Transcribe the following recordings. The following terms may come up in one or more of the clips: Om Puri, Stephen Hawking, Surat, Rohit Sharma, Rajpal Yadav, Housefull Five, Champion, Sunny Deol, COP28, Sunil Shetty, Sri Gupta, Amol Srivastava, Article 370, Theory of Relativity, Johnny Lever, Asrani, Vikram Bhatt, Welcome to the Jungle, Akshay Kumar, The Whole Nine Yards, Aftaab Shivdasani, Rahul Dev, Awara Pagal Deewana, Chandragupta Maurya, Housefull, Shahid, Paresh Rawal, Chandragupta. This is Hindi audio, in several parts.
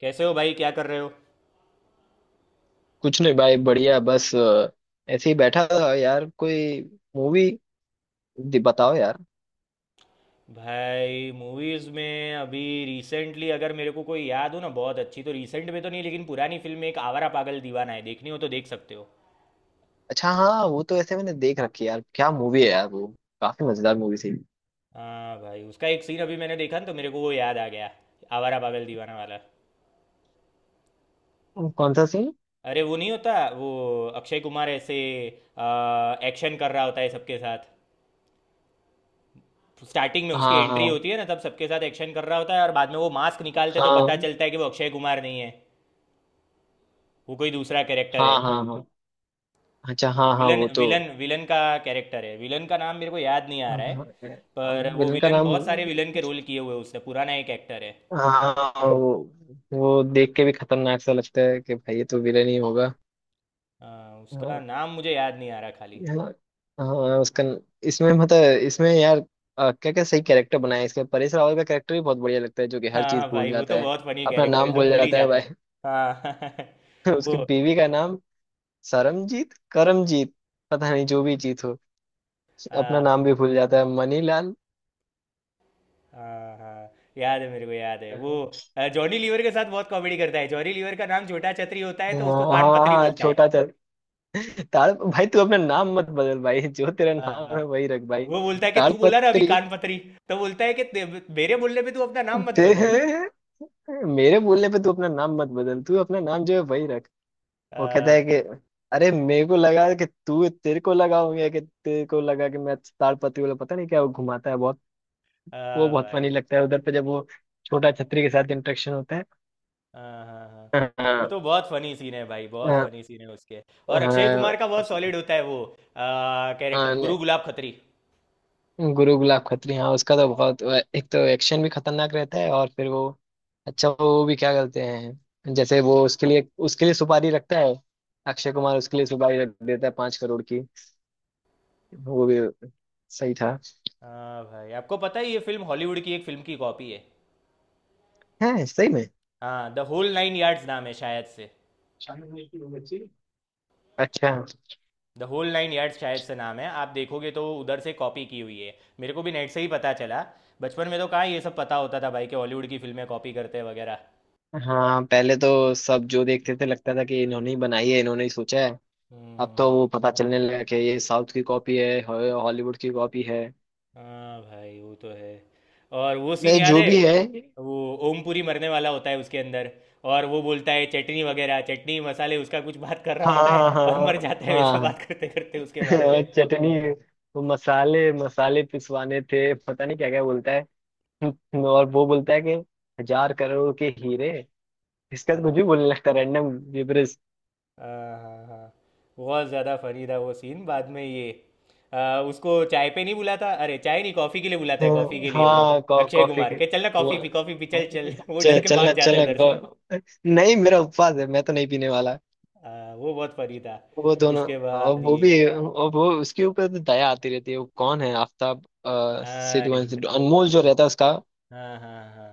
कैसे हो भाई? क्या कर रहे हो? कुछ नहीं भाई, बढ़िया। बस ऐसे ही बैठा था यार। कोई मूवी बताओ यार। भाई मूवीज़ में अभी रिसेंटली अगर मेरे को कोई याद हो ना बहुत अच्छी, तो रिसेंट में तो नहीं लेकिन पुरानी फिल्म में एक आवारा पागल दीवाना है। देखनी हो तो देख सकते हो। अच्छा हाँ, वो तो ऐसे मैंने देख रखी है यार। क्या मूवी है यार वो, काफी मजेदार मूवी थी। हाँ भाई, उसका एक सीन अभी मैंने देखा ना तो मेरे को वो याद आ गया। आवारा पागल दीवाना वाला। कौन सा सीन? अरे वो नहीं होता वो, अक्षय कुमार ऐसे एक्शन कर रहा होता है सबके साथ। स्टार्टिंग में उसकी हाँ, एंट्री हाँ, होती है ना, तब सबके साथ एक्शन कर रहा होता है, और बाद में वो मास्क निकालते तो पता हाँ, चलता है कि वो अक्षय कुमार नहीं है। वो कोई दूसरा कैरेक्टर है। हाँ, हाँ, हाँ। अच्छा वो हाँ, हाँ, विलन वो तो। विलन विलन का कैरेक्टर है। विलन का नाम मेरे को याद नहीं आ रहा है, पर वो विलन का विलन नाम? बहुत सारे विलन के रोल किए हुए हैं उसने, पुराना एक एक्टर है। हाँ वो देख के भी खतरनाक सा लगता है कि भाई ये तो विलन ही होगा। हाँ, उसका नाम मुझे याद नहीं आ रहा खाली। हाँ। हाँ, उसका। इसमें मतलब इसमें यार, क्या क्या सही कैरेक्टर बनाया है इसका। परेश रावल का कैरेक्टर भी बहुत बढ़िया लगता है, जो कि हर हाँ चीज हाँ भूल भाई, वो जाता तो है। बहुत फनी अपना कैरेक्टर है, नाम सब भूल भूल ही जाता है जाता भाई। है। हाँ। वो उसकी बीवी का नाम सरमजीत करमजीत, पता नहीं जो भी जीत हो। अपना हाँ नाम भी भूल जाता है, मनीलाल। हाँ हाँ, याद है, मेरे को याद है वो। जॉनी लीवर के साथ बहुत कॉमेडी करता है। जॉनी लीवर का नाम छोटा छतरी होता है तो उसको हाँ, कान हाँ, पतरी हाँ, बोलता है। छोटा चल। ताल भाई, तू अपना नाम मत बदल भाई। जो तेरा हाँ नाम हाँ, है वही रख भाई। वो बोलता है कि तू बोला ना अभी तालपत्री। कान पतरी, तो बोलता है कि मेरे बोलने पे तू अपना नाम मत बदल। ते मेरे बोलने पे तू अपना नाम मत बदल। तू अपना नाम जो है वही रख। वो कहता हाँ है कि अरे, मेरे को लगा कि तू, तेरे को लगा हो गया कि तेरे को लगा कि मैं ताड़पत्री वाला। पता नहीं क्या, वो घुमाता है बहुत। वो हाँ बहुत फनी भाई। लगता है उधर पे, जब वो छोटा छतरी के साथ इंटरेक्शन होता है। हाँ हाँ हाँ, वो हाँ, तो बहुत फनी सीन है भाई, बहुत हाँ, फनी सीन है उसके। और अक्षय हाँ, कुमार का बहुत सॉलिड होता है वो हाँ, कैरेक्टर, गुरु नहीं। गुलाब खत्री। गुरु गुलाब खत्री, हाँ उसका तो बहुत। एक तो एक्शन भी खतरनाक रहता है और फिर वो। अच्छा वो भी क्या करते हैं, जैसे वो उसके लिए सुपारी रखता है। अक्षय कुमार उसके लिए सुपारी रख देता है, 5 करोड़ की। वो भी सही था। हाँ भाई, आपको पता है ये फिल्म हॉलीवुड की एक फिल्म की कॉपी है? है सही में? हाँ, द होल नाइन यार्ड्स नाम है शायद से। अच्छा। द होल नाइन यार्ड्स शायद से नाम है। आप देखोगे तो उधर से कॉपी की हुई है। मेरे को भी नेट से ही पता चला। बचपन में तो कहाँ ये सब पता होता था भाई कि हॉलीवुड की फिल्में कॉपी करते हैं वगैरह। हाँ पहले तो सब जो देखते थे, लगता था कि इन्होंने ही बनाई है, इन्होंने ही सोचा है। हम्म अब हम्म, तो हम्म। वो पता चलने लगा कि ये साउथ की कॉपी है, हॉलीवुड की कॉपी है। हाँ भाई, वो तो है। और वो सीन वैसे याद जो है? भी है। वो ओमपुरी मरने वाला होता है उसके अंदर, और वो बोलता है चटनी वगैरह, चटनी मसाले उसका कुछ बात कर रहा हाँ, होता है हाँ, और मर हाँ, जाता है, वैसे हाँ। बात करते करते उसके बारे हाँ, में। चटनी। वो मसाले मसाले पिसवाने थे, पता नहीं क्या क्या बोलता है। और वो बोलता है कि 1000 करोड़ के हीरे। इसका तो कुछ भी हाँ बोलने लगता है, रैंडम। हाँ हाँ हाँ। बहुत ज़्यादा फनी था वो सीन। बाद में ये उसको चाय पे नहीं बुलाता, अरे चाय नहीं कॉफ़ी के लिए बुलाता है, कॉफ़ी हाँ, के लिए वो हाँ, अक्षय कॉफी कुमार के। के, चल ना वो कॉफ़ी पी, कॉफ़ी पी, चल चल, वो डर के चलना भाग जाता है चलना उधर से। नहीं मेरा उपवास है, मैं तो नहीं पीने वाला। हाँ, वो बहुत फनी था। वो दोनों। उसके और बाद वो ये भी, और वो उसके ऊपर तो दया आती रहती है। वो कौन है, आफताब हाँ यार, सिद्धू एंड सिद्धू अनमोल जो रहता है उसका। हाँ हाँ हाँ,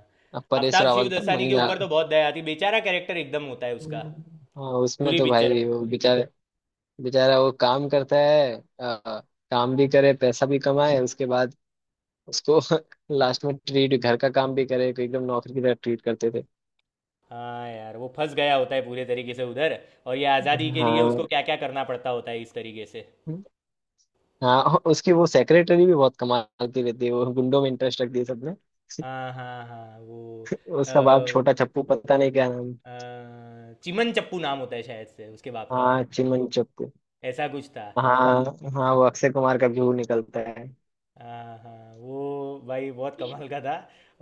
परेश आफ्ताब रावल का शिवदसानी के मंगना। ऊपर तो बहुत दया आती, बेचारा कैरेक्टर एकदम होता है उसका हाँ उसमें पूरी तो पिक्चर भाई में। वो बेचारे, बेचारा वो काम करता है। अ, काम भी करे, पैसा भी कमाए। उसके बाद उसको लास्ट में ट्रीट, घर का काम भी करे को एकदम नौकरी की तरह ट्रीट करते थे। हाँ यार, वो फंस गया होता है पूरे तरीके से उधर, और ये आज़ादी के लिए हाँ। उसको क्या क्या करना पड़ता होता है इस तरीके से। हम्म। हाँ और उसकी वो सेक्रेटरी भी बहुत कमाल की रहती है। वो गुंडों में इंटरेस्ट रखती है सबने। हाँ हाँ हाँ वो अ, उसका बाप छोटा चप्पू, पता नहीं क्या नाम। चिमन चप्पू नाम होता है शायद से उसके बाप का। हाँ चिमन चप्पू। ऐसा कुछ था। हाँ, हाँ, वो अक्षय कुमार का व्यू निकलता है। हाँ हाँ, वो भाई बहुत कमाल का था।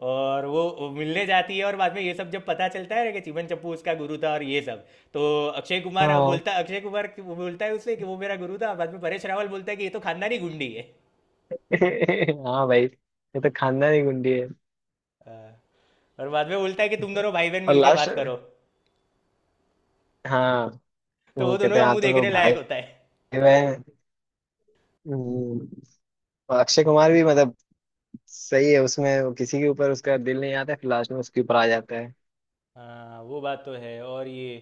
और वो मिलने जाती है और बाद में ये सब जब पता चलता है ना कि चिमन चप्पू उसका गुरु था और ये सब, तो अक्षय कुमार हाँ। बोलता अक्षय कुमार कि- वो बोलता है उससे कि वो मेरा गुरु था। बाद में परेश रावल बोलता है कि ये तो खानदानी गुंडी है। हाँ भाई, ये तो खानदानी गुंडी है। हाँ, और बाद में बोलता है कि तुम दोनों भाई बहन और मिलके लास्ट। बात करो। हाँ। तो वो वो दोनों कहते का हैं हाँ, मुंह तुम देखने लोग भाई लायक होता है। बहन। हम्म। और अक्षय कुमार भी मतलब, सही है उसमें, वो किसी के ऊपर उसका दिल नहीं आता, फिर लास्ट में उसके ऊपर आ जाता है। हाँ, वो बात तो है। और ये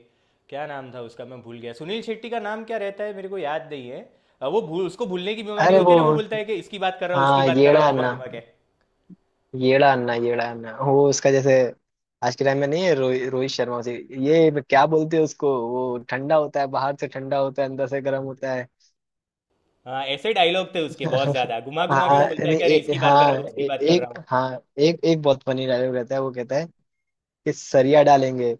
क्या नाम था उसका, मैं भूल गया। सुनील शेट्टी का नाम क्या रहता है मेरे को याद नहीं है। वो भूल उसको भूलने की बीमारी अरे होती वो, है ना, वो बोलता है कि इसकी बात कर रहा हूँ उसकी हाँ बात कर रहा येड़ा हूँ घुमा अन्ना, घुमा के। येड़ा अन्ना, येड़ा अन्ना, वो उसका जैसे। आज के टाइम में नहीं है रोहित रोहित शर्मा उसे। ये क्या बोलते हैं उसको, वो ठंडा होता है बाहर से, ठंडा होता है अंदर से गर्म होता है। हाँ, ऐसे डायलॉग थे उसके बहुत ज्यादा, घुमा घुमा के वो हाँ बोलता है नहीं कि अरे इसकी बात कर हाँ रहा हूँ उसकी बात कर रहा हूँ। एक। हाँ एक एक बहुत फनी डायलॉग रहता है। वो कहता है कि सरिया डालेंगे,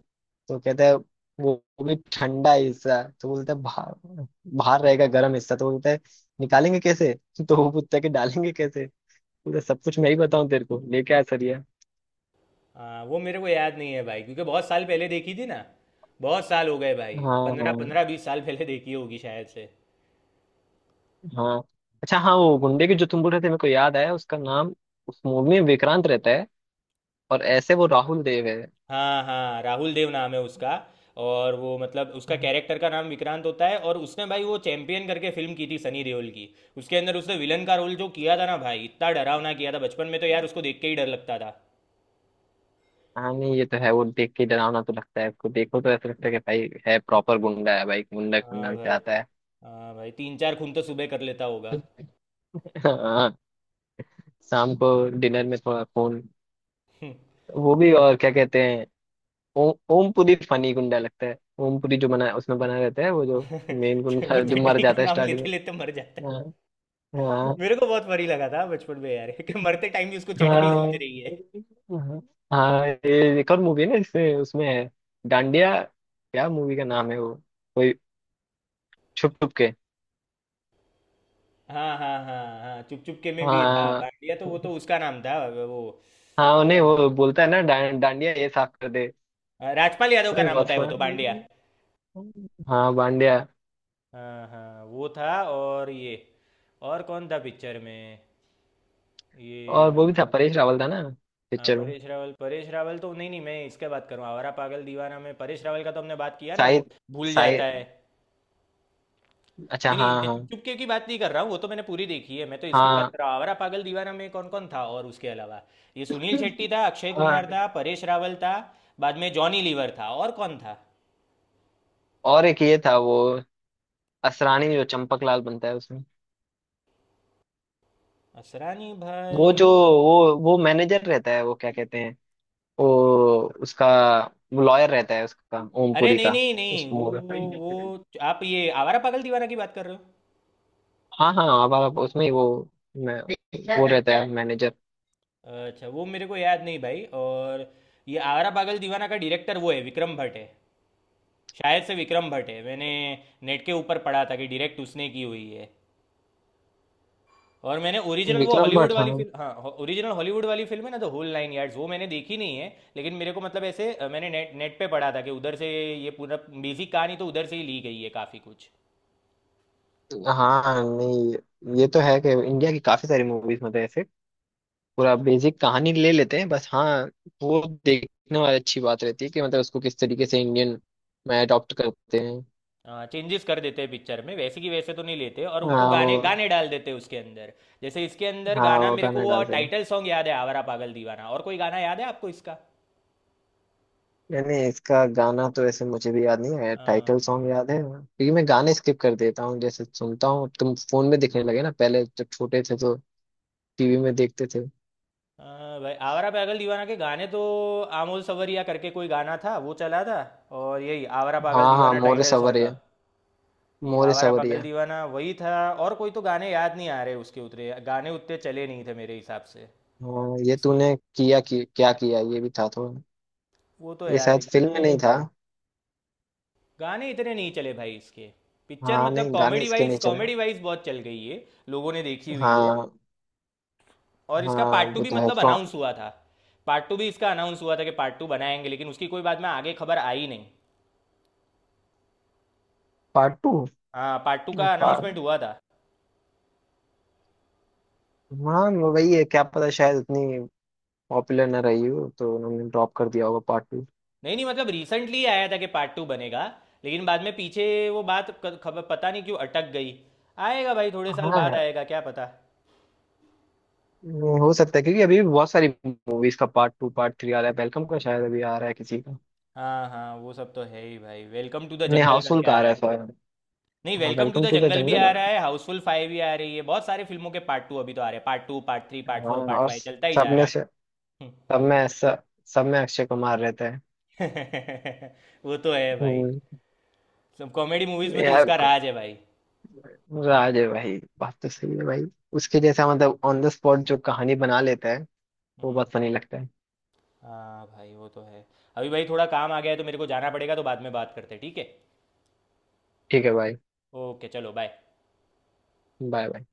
तो कहता है वो भी ठंडा हिस्सा तो बोलता है बाहर। बाहर रहेगा, गर्म हिस्सा तो बोलता है निकालेंगे कैसे। तो वो पूछता है कि डालेंगे कैसे। बोलता है, सब कुछ मैं ही बताऊं, तेरे को लेके आ सरिया। हाँ, वो मेरे को याद नहीं है भाई, क्योंकि बहुत साल पहले देखी थी ना। बहुत साल हो गए भाई, हाँ, पंद्रह हाँ, पंद्रह बीस साल पहले देखी होगी शायद से। हाँ। अच्छा हाँ, वो गुंडे की जो तुम बोल रहे थे, मेरे को याद आया उसका नाम। उस मूवी में विक्रांत रहता है। और ऐसे वो राहुल देव है। हाँ हाँ, राहुल देव नाम है उसका। और वो मतलब उसका कैरेक्टर का नाम विक्रांत होता है, और उसने भाई वो चैंपियन करके फिल्म की थी सनी देओल की, उसके अंदर उसने विलन का रोल जो किया था ना भाई, इतना डरावना किया था, बचपन में तो यार उसको देख के ही डर लगता था। हाँ नहीं, ये तो है, वो देख के डरावना तो लगता है। उसको देखो तो ऐसा लगता है कि भाई, है प्रॉपर गुंडा है भाई, गुंडा हाँ खानदान से भाई। आता है। हाँ भाई, तीन चार खून तो सुबह कर लेता होगा। हाँ। शाम को डिनर में थोड़ा फोन। वो भी और क्या कहते हैं। ओमपुरी फनी गुंडा लगता है। ओमपुरी जो बना उसमें बना रहता है, वो जो मेन वो गुंडा जो मर चटनी का जाता है नाम स्टार्टिंग लेते लेते मर जाता में। हाँ। है, मेरे को बहुत फनी लगा था बचपन में यार कि मरते टाइम भी उसको हाँ, चटनी सूझ रही हाँ, है। हाँ। हाँ, ये एक और मूवी है ना, इसमें उसमें है डांडिया। क्या मूवी का नाम है वो, कोई छुप छुप के? हाँ हाँ हाँ हाँ, चुप चुप के में भी था हाँ। बांडिया, तो वो तो उसका नाम था वो। हाँ क्या उन्हें नाम? वो बोलता है ना, डांडिया ये साफ कर दे। हाँ, राजपाल यादव का उसमें भी नाम बहुत होता है वो तो, बांडिया। फन। हाँ बांडिया। हाँ हाँ, वो था। और ये और कौन था पिक्चर में? ये और वो भी था, परेश रावल था ना हाँ पिक्चर में। परेश रावल, परेश रावल तो, नहीं नहीं, मैं इसके बात करूँ आवारा पागल दीवाना में परेश रावल का तो हमने बात किया ना, वो शाहिद। भूल जाता शाहिद। है। अच्छा नहीं नहीं, हाँ, मैं चुप हाँ, चुप के की बात नहीं कर रहा हूँ, वो तो मैंने पूरी देखी है। मैं तो इसकी बात हाँ, कर रहा हूँ, आवारा पागल दीवाना में कौन कौन था और उसके अलावा। ये सुनील शेट्टी था, अक्षय कुमार हाँ। था, परेश रावल था, बाद में जॉनी लीवर था, और कौन था? और एक ये था, वो असरानी जो चंपक लाल बनता है उसमें। असरानी वो भाई? जो, वो मैनेजर रहता है। वो क्या कहते हैं वो, उसका, वो लॉयर रहता है उसका, अरे ओमपुरी नहीं का। नहीं उस नहीं, मूवी। वो वो आप ये आवारा पागल दीवाना की बात कर रहे हाँ, हाँ। आप उसमें ही वो, मैं, वो रहता है मैनेजर। हो? अच्छा, वो मेरे को याद नहीं भाई। और ये आवारा पागल दीवाना का डायरेक्टर वो है विक्रम भट्ट है, शायद से विक्रम भट्ट है। मैंने नेट के ऊपर पढ़ा था कि डायरेक्ट उसने की हुई है। और मैंने ओरिजिनल वो विक्रम हॉलीवुड भट्ट। वाली हाँ फिल्म, हाँ ओरिजिनल हॉलीवुड वाली फिल्म है ना द होल नाइन यार्ड्स, वो मैंने देखी नहीं है। लेकिन मेरे को मतलब ऐसे मैंने नेट नेट पे पढ़ा था कि उधर से ये पूरा बेसिक कहानी तो उधर से ही ली गई है काफ़ी कुछ। हाँ नहीं, ये तो है कि इंडिया की काफी सारी मूवीज मतलब ऐसे, पूरा बेसिक कहानी ले लेते हैं बस। हाँ, वो देखने वाली अच्छी बात रहती है कि मतलब उसको किस तरीके से इंडियन में अडॉप्ट करते हैं। चेंजेस कर देते हैं पिक्चर में, वैसे की वैसे तो नहीं लेते, और उनको हाँ गाने वो। गाने डाल देते हैं उसके अंदर। जैसे इसके अंदर हाँ गाना, वो मेरे को गाना वो डालते हैं। टाइटल सॉन्ग याद है, आवारा पागल दीवाना, और कोई गाना याद है आपको इसका? यानी इसका गाना तो ऐसे मुझे भी याद नहीं है, हाँ, टाइटल सॉन्ग याद है। क्योंकि मैं गाने स्किप कर देता हूँ, जैसे सुनता हूँ। तुम फोन में दिखने लगे ना, पहले जब छोटे थे तो टीवी में देखते थे। हाँ, भाई आवारा पागल दीवाना के गाने तो, आमोल सवरिया करके कोई गाना था वो चला था, और यही आवारा हाँ, पागल हाँ दीवाना मोरे टाइटल सॉन्ग था। सवरिया। ये मोरे आवारा पागल सवरिया। दीवाना वही था। और कोई तो गाने याद नहीं आ रहे उसके, उतरे गाने उतने चले नहीं थे मेरे हिसाब से हाँ ये इसके। तूने किया कि, क्या किया? ये भी था थोड़ा। वो तो ये याद है शायद फिल्म में गाने, नहीं था। गाने इतने नहीं चले भाई इसके। पिक्चर हाँ मतलब नहीं, गाने कॉमेडी इसके वाइज, नहीं चले। कॉमेडी वाइज बहुत चल गई है, लोगों ने देखी हुई है। हाँ। और इसका हाँ पार्ट टू वो भी तो है, मतलब कौन? अनाउंस हुआ था, पार्ट टू भी इसका अनाउंस हुआ था कि पार्ट टू बनाएंगे, लेकिन उसकी कोई बाद में आगे खबर आई नहीं। पार्ट टू, हाँ, पार्ट टू का पार्ट। अनाउंसमेंट हुआ था। हाँ वही है, क्या पता शायद उतनी पॉपुलर ना रही हो तो उन्होंने ड्रॉप कर दिया होगा पार्ट टू। नहीं नहीं, मतलब रिसेंटली आया था कि पार्ट टू बनेगा, लेकिन बाद में पीछे वो बात खबर पता नहीं क्यों अटक गई। आएगा भाई, थोड़े साल बाद हाँ आएगा क्या पता। वो हो सकता है, क्योंकि अभी भी बहुत सारी मूवीज का पार्ट टू, पार्ट थ्री आ रहा है। वेलकम का शायद अभी आ रहा है किसी का। हाँ हाँ, वो सब तो है ही भाई, वेलकम टू द नहीं, जंगल हाउसफुल करके का आ आ रहा रहा है, है। सॉरी। नहीं, हाँ Welcome to Welcome the to the Jungle भी जंगल। आ रहा है, हाउसफुल फाइव भी आ रही है, बहुत सारे फिल्मों के पार्ट टू अभी तो आ रहे हैं, part two, part three, part हाँ फोर, पार्ट और फाइव चलता ही सब जा रहा में है। से, सब में ऐसा, सब में अक्षय कुमार रहता है। वो तो है भाई, हम्म। सब कॉमेडी मूवीज में तो यार, उसका राज है भाई। राज है भाई, बात तो सही है भाई। उसके हम्म, जैसा मतलब ऑन द स्पॉट जो कहानी बना लेता है, वो हम्म। बहुत फनी लगता है। हाँ भाई वो तो है। अभी भाई थोड़ा काम आ गया है तो मेरे को जाना पड़ेगा, तो बाद में बात करते हैं, ठीक है? ठीक है भाई। ओके चलो, बाय। Bye bye.